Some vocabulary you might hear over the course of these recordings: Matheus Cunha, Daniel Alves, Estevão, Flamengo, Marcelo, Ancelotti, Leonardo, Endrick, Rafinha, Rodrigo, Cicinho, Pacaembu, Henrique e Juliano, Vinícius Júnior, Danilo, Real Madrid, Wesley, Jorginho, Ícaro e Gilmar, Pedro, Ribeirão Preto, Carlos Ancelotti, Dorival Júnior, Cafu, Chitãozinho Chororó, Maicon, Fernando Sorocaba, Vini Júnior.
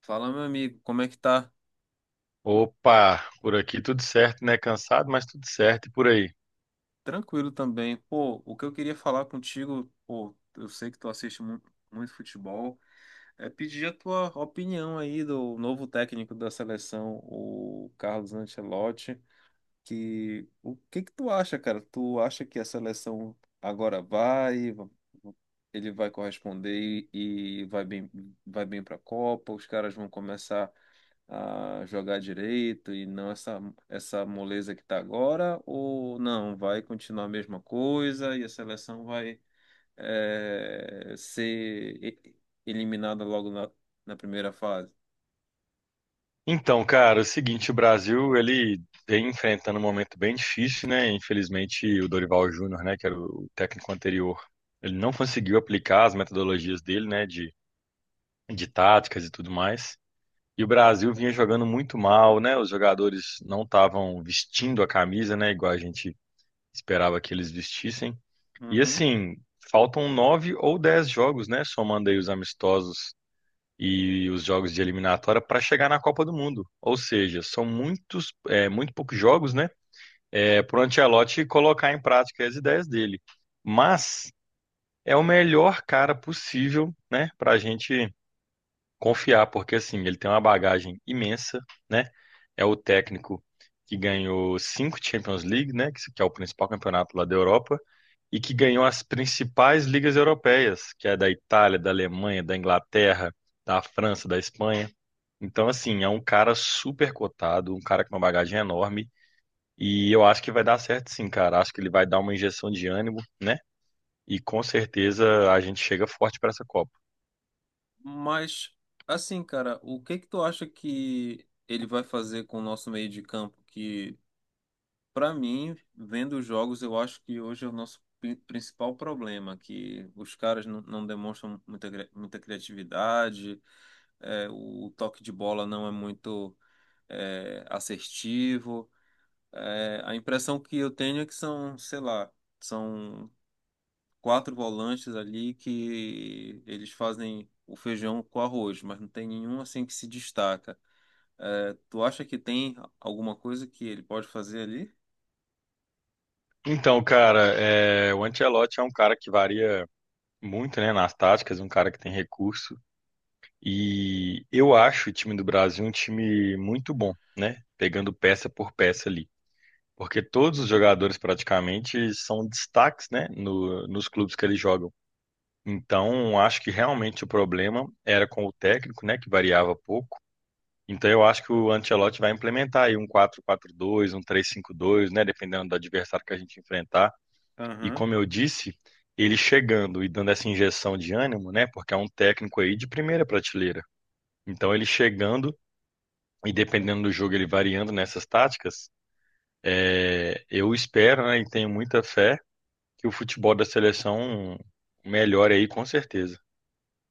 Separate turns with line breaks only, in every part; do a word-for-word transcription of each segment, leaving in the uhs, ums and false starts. Fala, meu amigo, como é que tá?
Opa, por aqui tudo certo, né? Cansado, mas tudo certo e por aí.
Tranquilo também. Pô, o que eu queria falar contigo, pô, eu sei que tu assiste mu- muito, futebol, é pedir a tua opinião aí do novo técnico da seleção, o Carlos Ancelotti. Que o que que tu acha, cara? Tu acha que a seleção agora vai, ele vai corresponder e, e vai bem, vai bem para a Copa? Os caras vão começar a jogar direito e não essa, essa moleza que está agora, ou não, vai continuar a mesma coisa e a seleção vai eh, ser e- eliminada logo na, na primeira fase.
Então, cara, é o seguinte, o Brasil, ele vem enfrentando um momento bem difícil, né? Infelizmente, o Dorival Júnior, né, que era o técnico anterior, ele não conseguiu aplicar as metodologias dele, né, de, de táticas e tudo mais. E o Brasil vinha jogando muito mal, né? Os jogadores não estavam vestindo a camisa, né, igual a gente esperava que eles vestissem. E
Uhum.
assim, faltam nove ou dez jogos, né, somando aí os amistosos e os jogos de eliminatória para chegar na Copa do Mundo. Ou seja, são muitos, é, muito poucos jogos, né? É, para o Ancelotti colocar em prática as ideias dele. Mas é o melhor cara possível, né? Para a gente confiar, porque assim, ele tem uma bagagem imensa, né? É o técnico que ganhou cinco Champions League, né? Que é o principal campeonato lá da Europa. E que ganhou as principais ligas europeias, que é da Itália, da Alemanha, da Inglaterra, da França, da Espanha. Então, assim, é um cara super cotado, um cara com uma bagagem enorme. E eu acho que vai dar certo sim, cara. Acho que ele vai dar uma injeção de ânimo, né? E com certeza a gente chega forte para essa Copa.
Mas, assim, cara, o que que tu acha que ele vai fazer com o nosso meio de campo que Para mim, vendo os jogos, eu acho que hoje é o nosso pri- principal problema, que os caras não, não demonstram muita, cri- muita criatividade, é, o toque de bola não é muito é, assertivo. É, a impressão que eu tenho é que são, sei lá, são quatro volantes ali que eles fazem o feijão com arroz, mas não tem nenhum assim que se destaca. É, tu acha que tem alguma coisa que ele pode fazer ali?
Então, cara, é, o Ancelotti é um cara que varia muito, né, nas táticas, um cara que tem recurso. E eu acho o time do Brasil um time muito bom, né? Pegando peça por peça ali. Porque todos os jogadores praticamente são destaques, né, no- nos clubes que eles jogam. Então, acho que realmente o problema era com o técnico, né, que variava pouco. Então, eu acho que o Ancelotti vai implementar aí um quatro quatro-dois, um três cinco-dois, né, dependendo do adversário que a gente enfrentar. E
Aham.
como eu disse, ele chegando e dando essa injeção de ânimo, né, porque é um técnico aí de primeira prateleira. Então, ele chegando e dependendo do jogo, ele variando nessas táticas, é, eu espero, né, e tenho muita fé que o futebol da seleção melhore aí com certeza.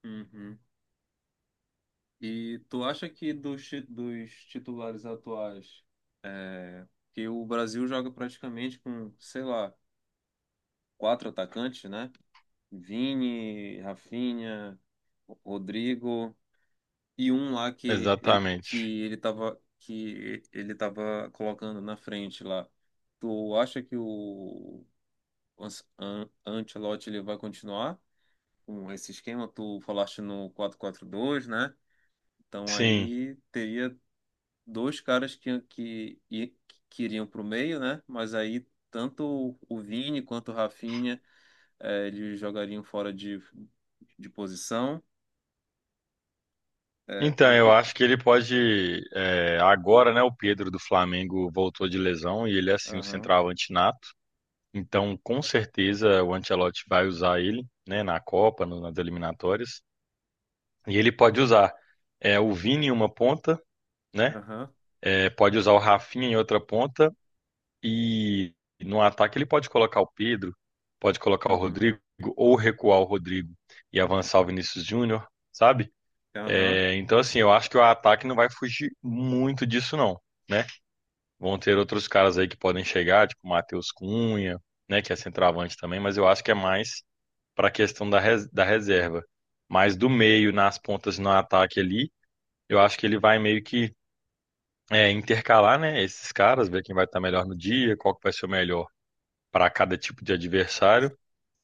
Uhum. E tu acha que dos, ti- dos titulares atuais, é, que o Brasil joga praticamente com, sei lá, quatro atacantes, né? Vini, Rafinha, Rodrigo e um lá que ele,
Exatamente.
que ele tava, que ele tava colocando na frente lá. Tu acha que o An- An- Ancelotti ele vai continuar com esse esquema? Tu falaste no quatro quatro dois, né? Então
Sim.
aí teria dois caras que, que, i- que iriam para o meio, né? Mas aí tanto o o Vini quanto o Rafinha eh, eles jogariam fora de, de posição. É,
Então,
o
eu
que.
acho que ele pode. é, agora, né? O Pedro do Flamengo voltou de lesão e ele é assim, o
Aham,
centroavante nato. Então, com certeza, o Ancelotti vai usar ele, né? Na Copa, no- nas eliminatórias. E ele pode usar é, o Vini em uma ponta, né?
aham,
é, pode usar o Rafinha em outra ponta. E no ataque ele pode colocar o Pedro, pode colocar o
uhum,
Rodrigo, ou recuar o Rodrigo e avançar o Vinícius Júnior, sabe?
aham.
É, então, assim, eu acho que o ataque não vai fugir muito disso, não, né? Vão ter outros caras aí que podem chegar, tipo o Matheus Cunha, né, que é centroavante também, mas eu acho que é mais para a questão da, res- da reserva. Mas do meio, nas pontas, no ataque ali, eu acho que ele vai meio que é, intercalar, né, esses caras, ver quem vai estar melhor no dia, qual que vai ser o melhor para cada tipo de adversário.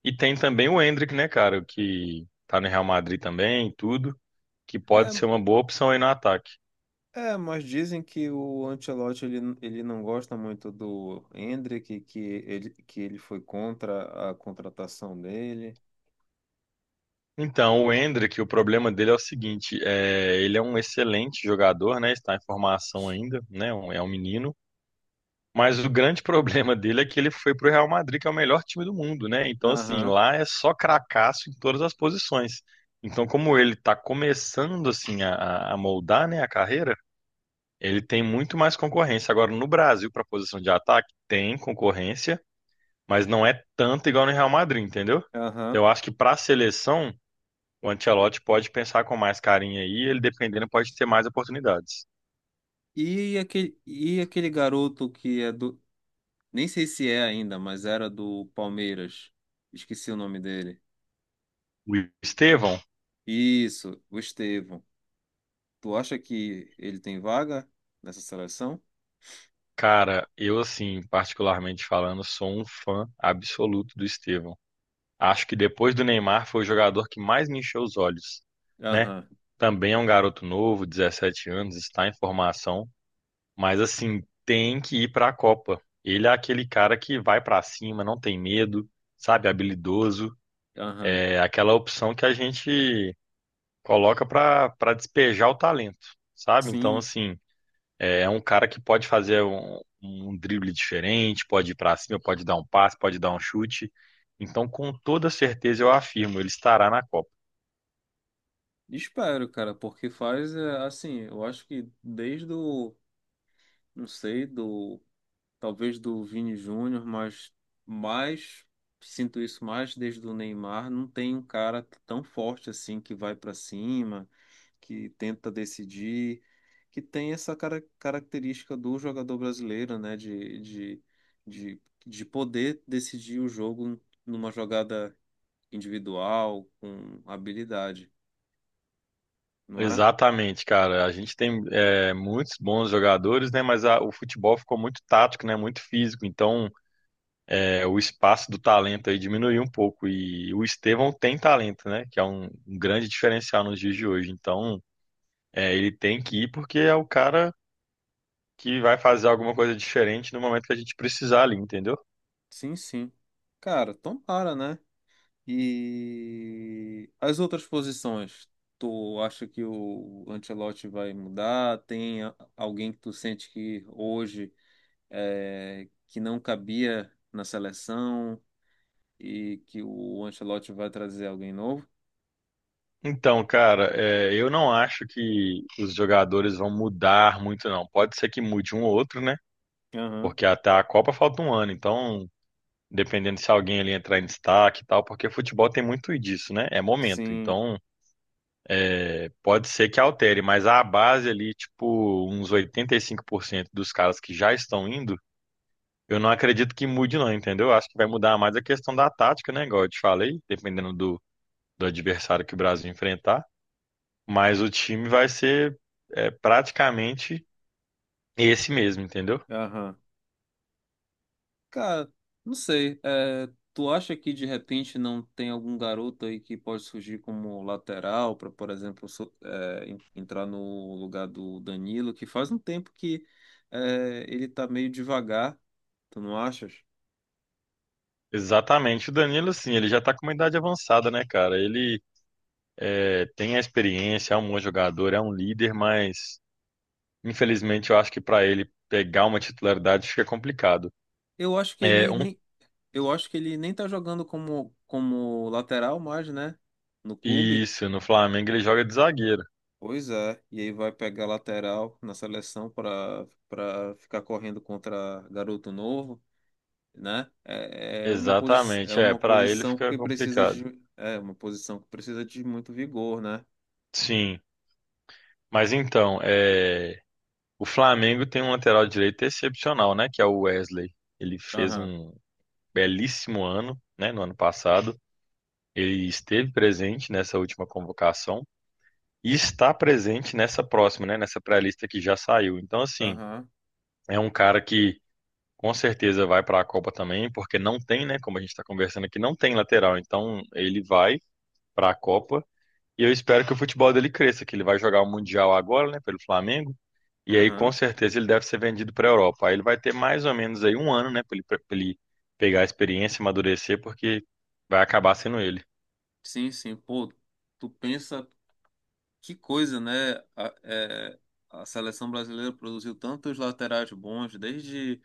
E tem também o Endrick, né, cara, que tá no Real Madrid também, e tudo, que pode
É,
ser uma boa opção aí no ataque.
é, mas dizem que o Ancelotti ele, ele não gosta muito do Endrick, que ele, que ele foi contra a contratação dele.
Então, o Endrick, o problema dele é o seguinte, é, ele é um excelente jogador, né? Está em formação ainda, né? um- É um menino. Mas o grande problema dele é que ele foi para o Real Madrid, que é o melhor time do mundo, né? Então, assim,
Aham,
lá é só cracaço em todas as posições. Então, como ele está começando assim a, a- a moldar, né, a carreira, ele tem muito mais concorrência. Agora, no Brasil, para a posição de ataque, tem concorrência, mas não é tanto igual no Real Madrid, entendeu?
aham.
Eu acho que para a seleção o Ancelotti pode pensar com mais carinho aí, ele dependendo pode ter mais oportunidades.
E aquele, e aquele garoto que é do, nem sei se é ainda, mas era do Palmeiras. Esqueci o nome dele.
O Estevão,
Isso, o Estevão. Tu acha que ele tem vaga nessa seleção?
cara, eu assim, particularmente falando, sou um fã absoluto do Estevão. Acho que depois do Neymar foi o jogador que mais me encheu os olhos, né?
Aham,
Também é um garoto novo, dezessete anos, está em formação, mas assim, tem que ir para a Copa. Ele é aquele cara que vai para cima, não tem medo, sabe, habilidoso,
aham.
é aquela opção que a gente coloca para para despejar o talento, sabe? Então,
Sim,
assim, é é um cara que pode fazer um, um, drible diferente, pode ir para cima, pode dar um passe, pode dar um chute. Então, com toda certeza, eu afirmo, ele estará na Copa.
espero, cara, porque faz é, assim, eu acho que desde o, não sei, do talvez do Vini Júnior, mas mais sinto isso mais desde o Neymar, não tem um cara tão forte assim que vai para cima, que tenta decidir, que tem essa cara- característica do jogador brasileiro, né, de, de, de, de poder decidir o jogo numa jogada individual, com habilidade, não é?
Exatamente, cara. A gente tem é, muitos bons jogadores, né? Mas a- o futebol ficou muito tático, né? Muito físico. Então, é, o espaço do talento aí diminuiu um pouco. E o Estevão tem talento, né? Que é um, um grande diferencial nos dias de hoje. Então, é, ele tem que ir porque é o cara que vai fazer alguma coisa diferente no momento que a gente precisar ali, entendeu?
Sim, sim. Cara, tomara, né? E as outras posições, tu acha que o Ancelotti vai mudar? Tem a- alguém que tu sente que hoje é, que não cabia na seleção e que o Ancelotti vai trazer alguém novo?
Então, cara, é, eu não acho que os jogadores vão mudar muito, não. Pode ser que mude um ou outro, né?
Aham,
Porque até a Copa falta um ano, então, dependendo se alguém ali entrar em destaque e tal, porque futebol tem muito disso, né? É momento.
sim,
Então, é, pode ser que altere, mas a base ali, tipo, uns oitenta e cinco por cento dos caras que já estão indo, eu não acredito que mude, não, entendeu? Acho que vai mudar mais a questão da tática, né? Igual eu te falei, dependendo do do adversário que o Brasil enfrentar, mas o time vai ser é, praticamente esse mesmo, entendeu?
aham. Cara, não sei. É, tu acha que de repente não tem algum garoto aí que pode surgir como lateral para, por exemplo, so- é, en- entrar no lugar do Danilo, que faz um tempo que é, ele tá meio devagar, tu não achas?
Exatamente. O Danilo, assim, ele já tá com uma idade avançada, né, cara? Ele é, tem a experiência, é um bom jogador, é um líder, mas infelizmente eu acho que para ele pegar uma titularidade fica complicado.
Eu acho que
É
ele
um
nem, eu acho que ele nem tá jogando como, como lateral mais, né? No clube.
isso, no Flamengo ele joga de zagueiro.
Pois é, e aí vai pegar lateral na seleção para para ficar correndo contra garoto novo, né? É, é uma posi é
Exatamente, é,
uma
para ele
posição
fica
que precisa
complicado.
de, é uma posição que precisa de muito vigor, né?
Sim, mas então, é, o Flamengo tem um lateral direito excepcional, né? Que é o Wesley. Ele fez
Aham,
um belíssimo ano, né? No ano passado. Ele esteve presente nessa última convocação e está presente nessa próxima, né? Nessa pré-lista que já saiu. Então, assim,
aham,
é um cara que com certeza vai para a Copa também, porque não tem, né? Como a gente está conversando aqui, não tem lateral. Então, ele vai para a Copa e eu espero que o futebol dele cresça, que ele vai jogar o Mundial agora, né? Pelo Flamengo. E aí, com
aham.
certeza, ele deve ser vendido para a Europa. Aí ele vai ter mais ou menos aí um ano, né, para ele, pra ele pegar a experiência, amadurecer, porque vai acabar sendo ele.
Sim, sim. Pô, tu pensa que coisa, né? A, é, a seleção brasileira produziu tantos laterais bons desde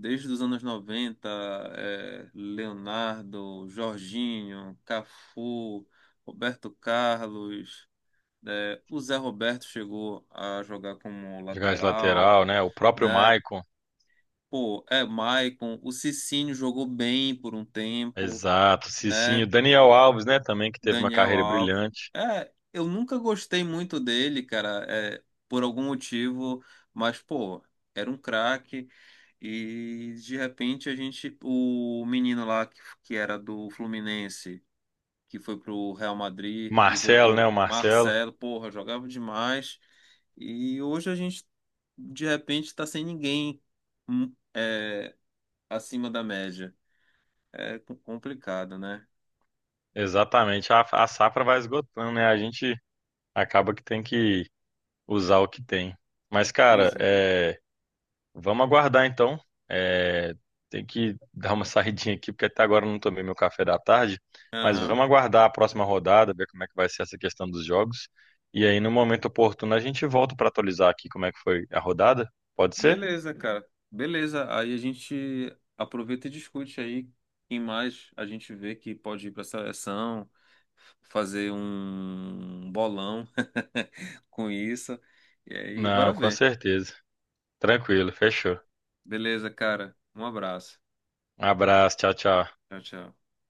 desde os anos noventa, é, Leonardo, Jorginho, Cafu, Roberto Carlos. É, o Zé Roberto chegou a jogar como
Jogar de
lateral,
lateral, né? O próprio
né?
Maicon.
Pô, é Maicon, o Cicinho jogou bem por um tempo,
Exato, Cicinho.
né?
Daniel Alves, né, também, que teve uma
Daniel
carreira
Alves.
brilhante.
É, eu nunca gostei muito dele, cara, é, por algum motivo, mas, pô, era um craque. E de repente a gente, o menino lá que, que era do Fluminense, que foi pro Real Madrid e
Marcelo, né,
voltou,
o Marcelo.
Marcelo, porra, jogava demais. E hoje a gente de repente tá sem ninguém, hum, é, acima da média. É co- complicado, né?
Exatamente. A, a safra vai esgotando, né? A gente acaba que tem que usar o que tem. Mas,
Pois
cara,
é.
é. Vamos aguardar então. É, tem que dar uma saidinha aqui, porque até agora eu não tomei meu café da tarde. Mas
Aham.
vamos aguardar a próxima rodada, ver como é que vai ser essa questão dos jogos. E aí, no momento oportuno, a gente volta para atualizar aqui como é que foi a rodada. Pode ser?
Beleza, cara. Beleza. Aí a gente aproveita e discute aí quem mais a gente vê que pode ir para a seleção, fazer um bolão com isso. E aí, bora
Não, com
ver.
certeza. Tranquilo, fechou.
Beleza, cara. Um abraço.
Um abraço, tchau, tchau.
Tchau, tchau.